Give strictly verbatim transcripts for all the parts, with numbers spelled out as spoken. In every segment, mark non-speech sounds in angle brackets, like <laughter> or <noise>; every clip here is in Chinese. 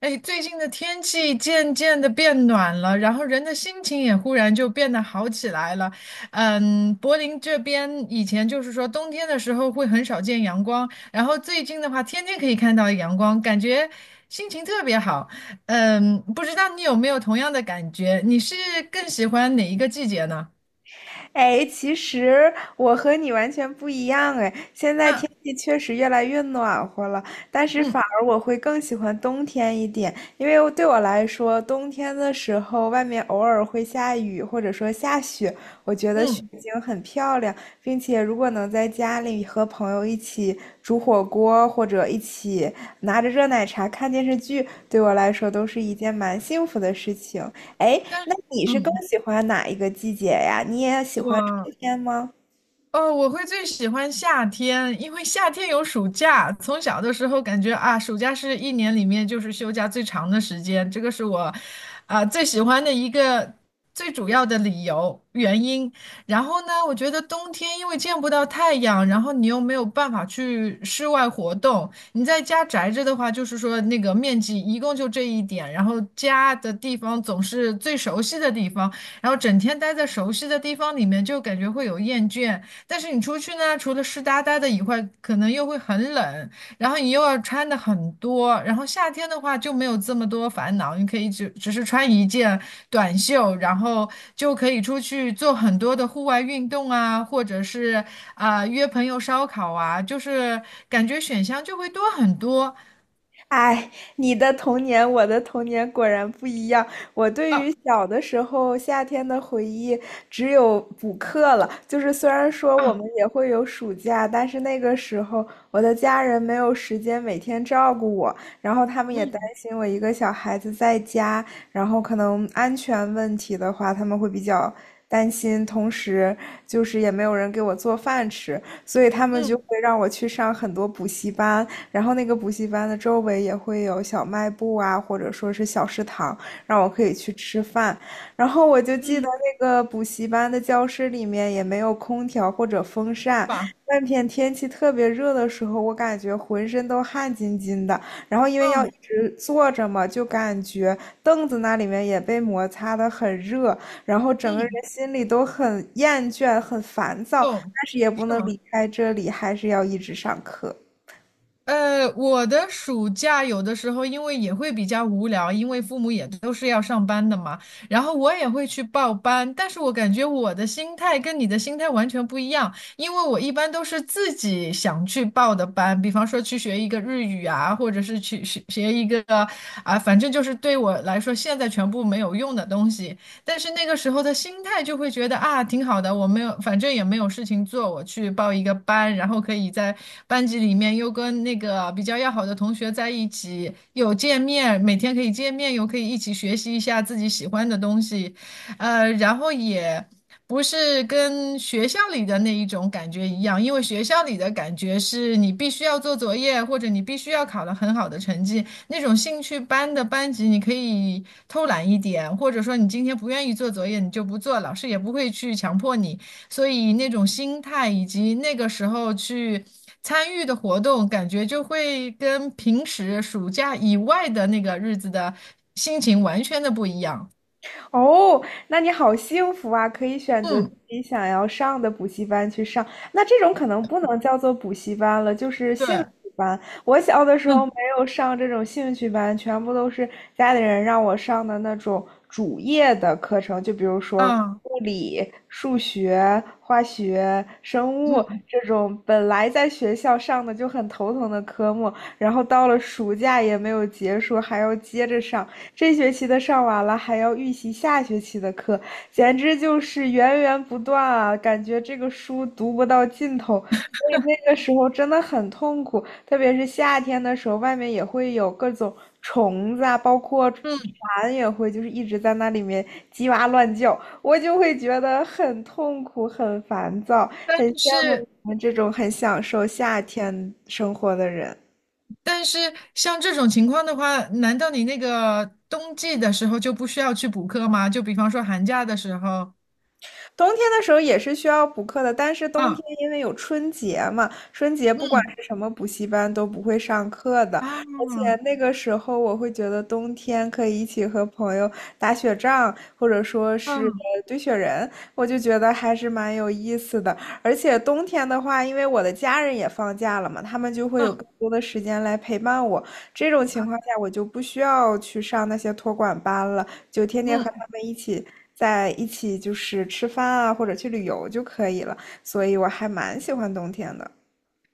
哎，最近的天气渐渐的变暖了，然后人的心情也忽然就变得好起来了。嗯，柏林这边以前就是说冬天的时候会很少见阳光，然后最近的话天天可以看到阳光，感觉心情特别好。嗯，不知道你有没有同样的感觉？你是更喜欢哪一个季节呢？哎，其实我和你完全不一样哎，现在啊。天气确实越来越暖和了，但是嗯反而我会更喜欢冬天一点，因为对我来说，冬天的时候外面偶尔会下雨或者说下雪，我觉得雪嗯。景很漂亮，并且如果能在家里和朋友一起煮火锅或者一起拿着热奶茶看电视剧，对我来说都是一件蛮幸福的事情。哎，但。那你是更嗯。喜欢哪一个季节呀？你也喜欢春我。天吗？哦，我会最喜欢夏天，因为夏天有暑假。从小的时候感觉啊，暑假是一年里面就是休假最长的时间，这个是我啊、最喜欢的一个最主要的理由原因。然后呢，我觉得冬天因为见不到太阳，然后你又没有办法去室外活动，你在家宅着的话，就是说那个面积一共就这一点，然后家的地方总是最熟悉的地方，然后整天待在熟悉的地方里面，就感觉会有厌倦。但是你出去呢，除了湿哒哒的以外，可能又会很冷，然后你又要穿的很多，然后夏天的话就没有这么多烦恼，你可以只只是穿一件短袖，然后就可以出去做很多的户外运动啊，或者是啊、约朋友烧烤啊，就是感觉选项就会多很多。哎，你的童年，我的童年果然不一样。我对啊。于小的时候夏天的回忆，只有补课了。就是虽然说我啊。们也会有暑假，但是那个时候我的家人没有时间每天照顾我，然后他们也担嗯。心我一个小孩子在家，然后可能安全问题的话，他们会比较担心，同时就是也没有人给我做饭吃，所以他们就会嗯。让我去上很多补习班。然后那个补习班的周围也会有小卖部啊，或者说是小食堂，让我可以去吃饭。然后我就记得那个补习班的教室里面也没有空调或者风扇，吧。那天天气特别热的时候，我感觉浑身都汗津津的。然后因为要嗯。一直坐着嘛，就感觉凳子那里面也被摩擦的很热，然后整个人嗯。心里都很厌倦、很烦躁，懂。但是也不是能吗？离开这里，还是要一直上课。呃，我的暑假有的时候因为也会比较无聊，因为父母也都是要上班的嘛，然后我也会去报班，但是我感觉我的心态跟你的心态完全不一样，因为我一般都是自己想去报的班，比方说去学一个日语啊，或者是去学学一个啊，反正就是对我来说现在全部没有用的东西，但是那个时候的心态就会觉得啊，挺好的，我没有，反正也没有事情做，我去报一个班，然后可以在班级里面又跟那个比较要好的同学在一起，有见面，每天可以见面，又可以一起学习一下自己喜欢的东西，呃，然后也。不是跟学校里的那一种感觉一样，因为学校里的感觉是你必须要做作业，或者你必须要考得很好的成绩，那种兴趣班的班级，你可以偷懒一点，或者说你今天不愿意做作业，你就不做，老师也不会去强迫你。所以那种心态以及那个时候去参与的活动，感觉就会跟平时暑假以外的那个日子的心情完全的不一样。哦，那你好幸福啊，可以选择自嗯，己想要上的补习班去上。那这种可能不能叫做补习班了，就是兴对。趣班。我小的时候嗯。没有上这种兴趣班，全部都是家里人让我上的那种主业的课程，就比如说啊。物理、数学、化学、生物嗯。这种本来在学校上的就很头疼的科目，然后到了暑假也没有结束，还要接着上。这学期的上完了，还要预习下学期的课，简直就是源源不断啊！感觉这个书读不到尽头，所以那个时候真的很痛苦。特别是夏天的时候，外面也会有各种虫子啊，包括嗯。蝉也会，就是一直在那里面叽哇乱叫，我就会觉得很痛苦、很烦躁，但很羡慕你是。们这种很享受夏天生活的人。但是像这种情况的话，难道你那个冬季的时候就不需要去补课吗？就比方说寒假的时候，冬天的时候也是需要补课的，但是冬天啊。因为有春节嘛，春节不管嗯。是什么补习班都不会上课的，啊。而且嗯。那个时候我会觉得冬天可以一起和朋友打雪仗，或者说是嗯。呃堆雪人，我就觉得还是蛮有意思的。而且冬天的话，因为我的家人也放假了嘛，他们就会有嗯。更多的时间来陪伴我。这种情况下，我就不需要去上那些托管班了，就天天和嗯。他们一起在一起，就是吃饭啊，或者去旅游就可以了。所以我还蛮喜欢冬天的。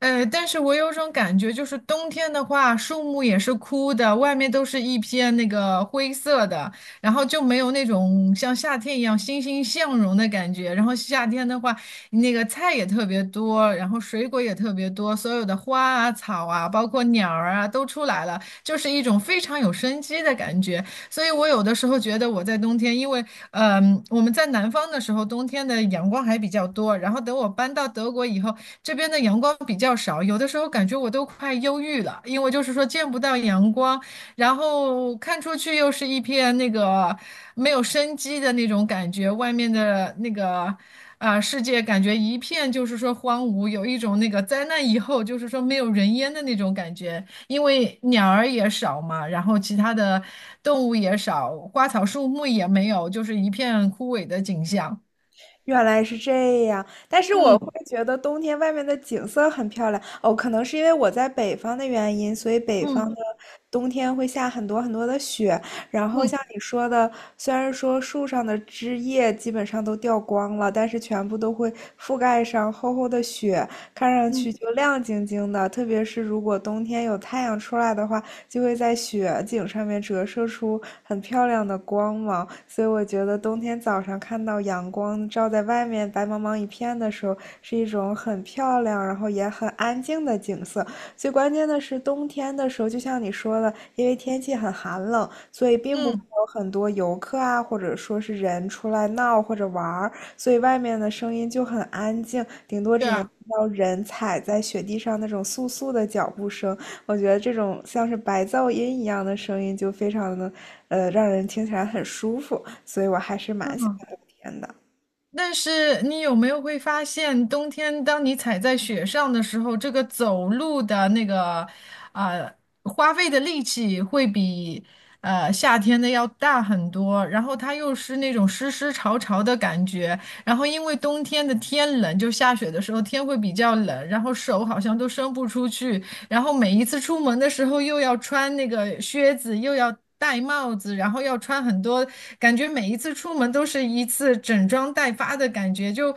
呃，但是我有种感觉，就是冬天的话，树木也是枯的，外面都是一片那个灰色的，然后就没有那种像夏天一样欣欣向荣的感觉。然后夏天的话，那个菜也特别多，然后水果也特别多，所有的花啊、草啊，包括鸟儿啊都出来了，就是一种非常有生机的感觉。所以我有的时候觉得我在冬天，因为嗯，我们在南方的时候，冬天的阳光还比较多。然后等我搬到德国以后，这边的阳光比较少，有的时候感觉我都快忧郁了，因为就是说见不到阳光，然后看出去又是一片那个没有生机的那种感觉，外面的那个啊、世界感觉一片就是说荒芜，有一种那个灾难以后就是说没有人烟的那种感觉。因为鸟儿也少嘛，然后其他的动物也少，花草树木也没有，就是一片枯萎的景象。原来是这样，但是我会嗯。觉得冬天外面的景色很漂亮哦，可能是因为我在北方的原因，所以北方嗯。的冬天会下很多很多的雪。然后嗯。像你说的，虽然说树上的枝叶基本上都掉光了，但是全部都会覆盖上厚厚的雪，看上嗯。去就亮晶晶的。特别是如果冬天有太阳出来的话，就会在雪景上面折射出很漂亮的光芒，所以我觉得冬天早上看到阳光照在外面白茫茫一片的时候，是一种很漂亮，然后也很安静的景色。最关键的是冬天的时候，就像你说的，因为天气很寒冷，所以并不会嗯。有很多游客啊，或者说是人出来闹或者玩儿。所以外面的声音就很安静，顶多对只能听啊。到人踩在雪地上那种簌簌的脚步声。我觉得这种像是白噪音一样的声音就非常的，呃，让人听起来很舒服，所以我还是蛮喜嗯。欢冬天的。但是你有没有会发现，冬天当你踩在雪上的时候，这个走路的那个，呃，花费的力气会比呃夏天的要大很多。然后它又是那种湿湿潮潮的感觉。然后因为冬天的天冷，就下雪的时候天会比较冷，然后手好像都伸不出去，然后每一次出门的时候又要穿那个靴子，又要戴帽子，然后要穿很多，感觉每一次出门都是一次整装待发的感觉，就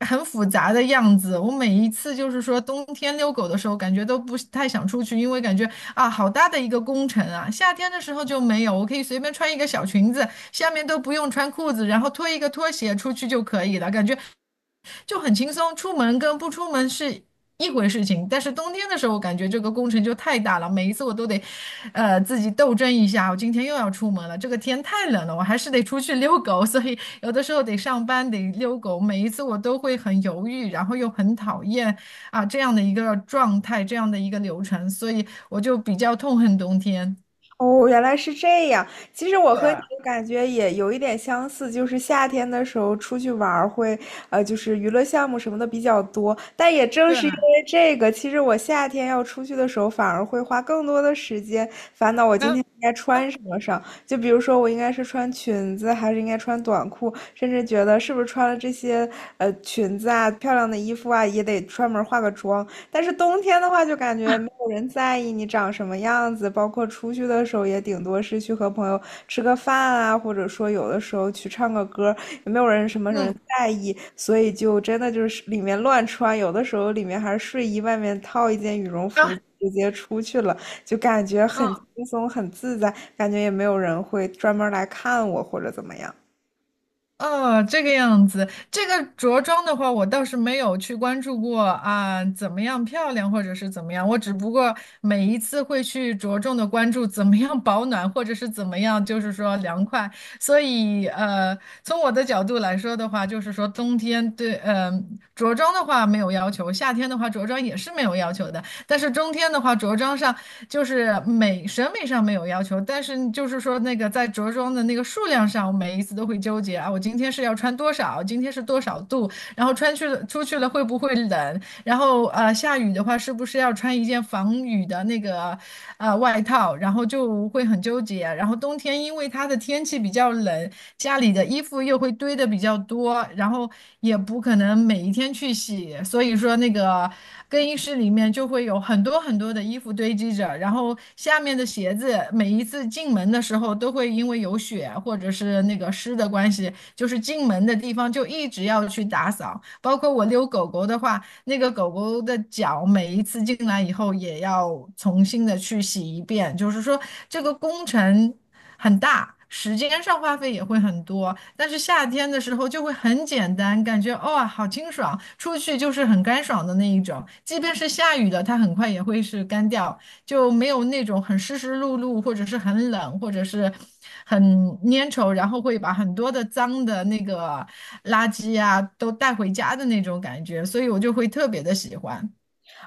很复杂的样子。我每一次就是说冬天遛狗的时候，感觉都不是太想出去，因为感觉啊好大的一个工程啊。夏天的时候就没有，我可以随便穿一个小裙子，下面都不用穿裤子，然后脱一个拖鞋出去就可以了，感觉就很轻松。出门跟不出门是一回事情，但是冬天的时候，我感觉这个工程就太大了，每一次我都得，呃，自己斗争一下。我今天又要出门了，这个天太冷了，我还是得出去遛狗，所以有的时候得上班，得遛狗。每一次我都会很犹豫，然后又很讨厌啊这样的一个状态，这样的一个流程，所以我就比较痛恨冬天。哦，原来是这样。其实我对。和你的感觉也有一点相似，就是夏天的时候出去玩儿会，呃，就是娱乐项目什么的比较多。但也正对。是因 <laughs> 为这个，其实我夏天要出去的时候，反而会花更多的时间烦恼我今啊。天应该穿什么上。就比如说，我应该是穿裙子，还是应该穿短裤，甚至觉得是不是穿了这些呃裙子啊、漂亮的衣服啊，也得专门化个妆。但是冬天的话，就感觉没有人在意你长什么样子，包括出去的时候，也顶多是去和朋友吃个饭啊，或者说有的时候去唱个歌，也没有人什么什么在意，所以就真的就是里面乱穿，有的时候里面还是睡衣，外面套一件羽绒服啊。直接出去了，就感觉很啊！轻松、很自在，感觉也没有人会专门来看我或者怎么样。哦，这个样子，这个着装的话，我倒是没有去关注过啊，怎么样漂亮或者是怎么样，我只不过每一次会去着重的关注怎么样保暖，或者是怎么样，就是说凉快。所以，呃，从我的角度来说的话，就是说冬天对，呃，着装的话没有要求，夏天的话着装也是没有要求的。但是中天的话，着装上就是美审美上没有要求，但是就是说那个在着装的那个数量上，我每一次都会纠结啊，我今天是要穿多少，今天是多少度，然后穿去了出去了会不会冷，然后呃，下雨的话是不是要穿一件防雨的那个呃外套？然后就会很纠结啊。然后冬天因为它的天气比较冷，家里的衣服又会堆的比较多，然后也不可能每一天去洗，所以说那个更衣室里面就会有很多很多的衣服堆积着，然后下面的鞋子每一次进门的时候都会因为有雪或者是那个湿的关系，就是进门的地方就一直要去打扫，包括我遛狗狗的话。那个狗狗的脚每一次进来以后也要重新的去洗一遍，就是说这个工程很大，时间上花费也会很多。但是夏天的时候就会很简单，感觉哦，好清爽，出去就是很干爽的那一种。即便是下雨了，它很快也会是干掉；就没有那种很湿湿漉漉，或者是很冷，或者是很粘稠，然后会把很多的脏的那个垃圾啊都带回家的那种感觉，所以我就会特别的喜欢。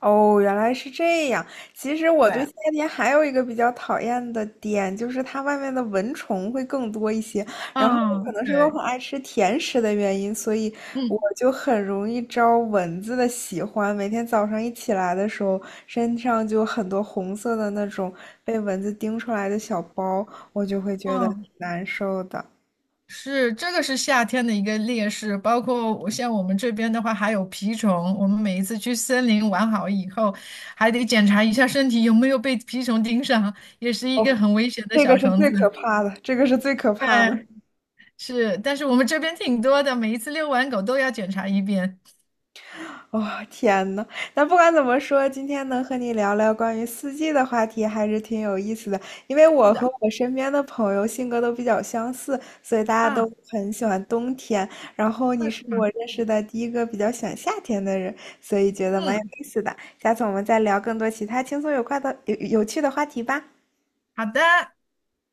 哦，原来是这样。其实我对对。夏天还有一个比较讨厌的点，就是它外面的蚊虫会更多一些。然后可嗯，能是因为我很对。爱吃甜食的原因，所以我嗯。就很容易招蚊子的喜欢。每天早上一起来的时候，身上就有很多红色的那种被蚊子叮出来的小包，我就会觉得挺嗯。难受的。是，这个是夏天的一个劣势，包括我像我们这边的话，还有蜱虫。我们每一次去森林玩好以后，还得检查一下身体有没有被蜱虫盯上，也是一个哦，很危险的这个小是虫最子。可怕的，这个是最可怕的。对，是，但是我们这边挺多的，每一次遛完狗都要检查一遍。<laughs> 哦，天呐，那不管怎么说，今天能和你聊聊关于四季的话题还是挺有意思的，因为是我和的。我身边的朋友性格都比较相似，所以大家都啊。很喜欢冬天。然后你二十是我码，认识的第一个比较喜欢夏天的人，所以觉得蛮有嗯。意思的。下次我们再聊更多其他轻松有快的、有有趣的话题吧。好的。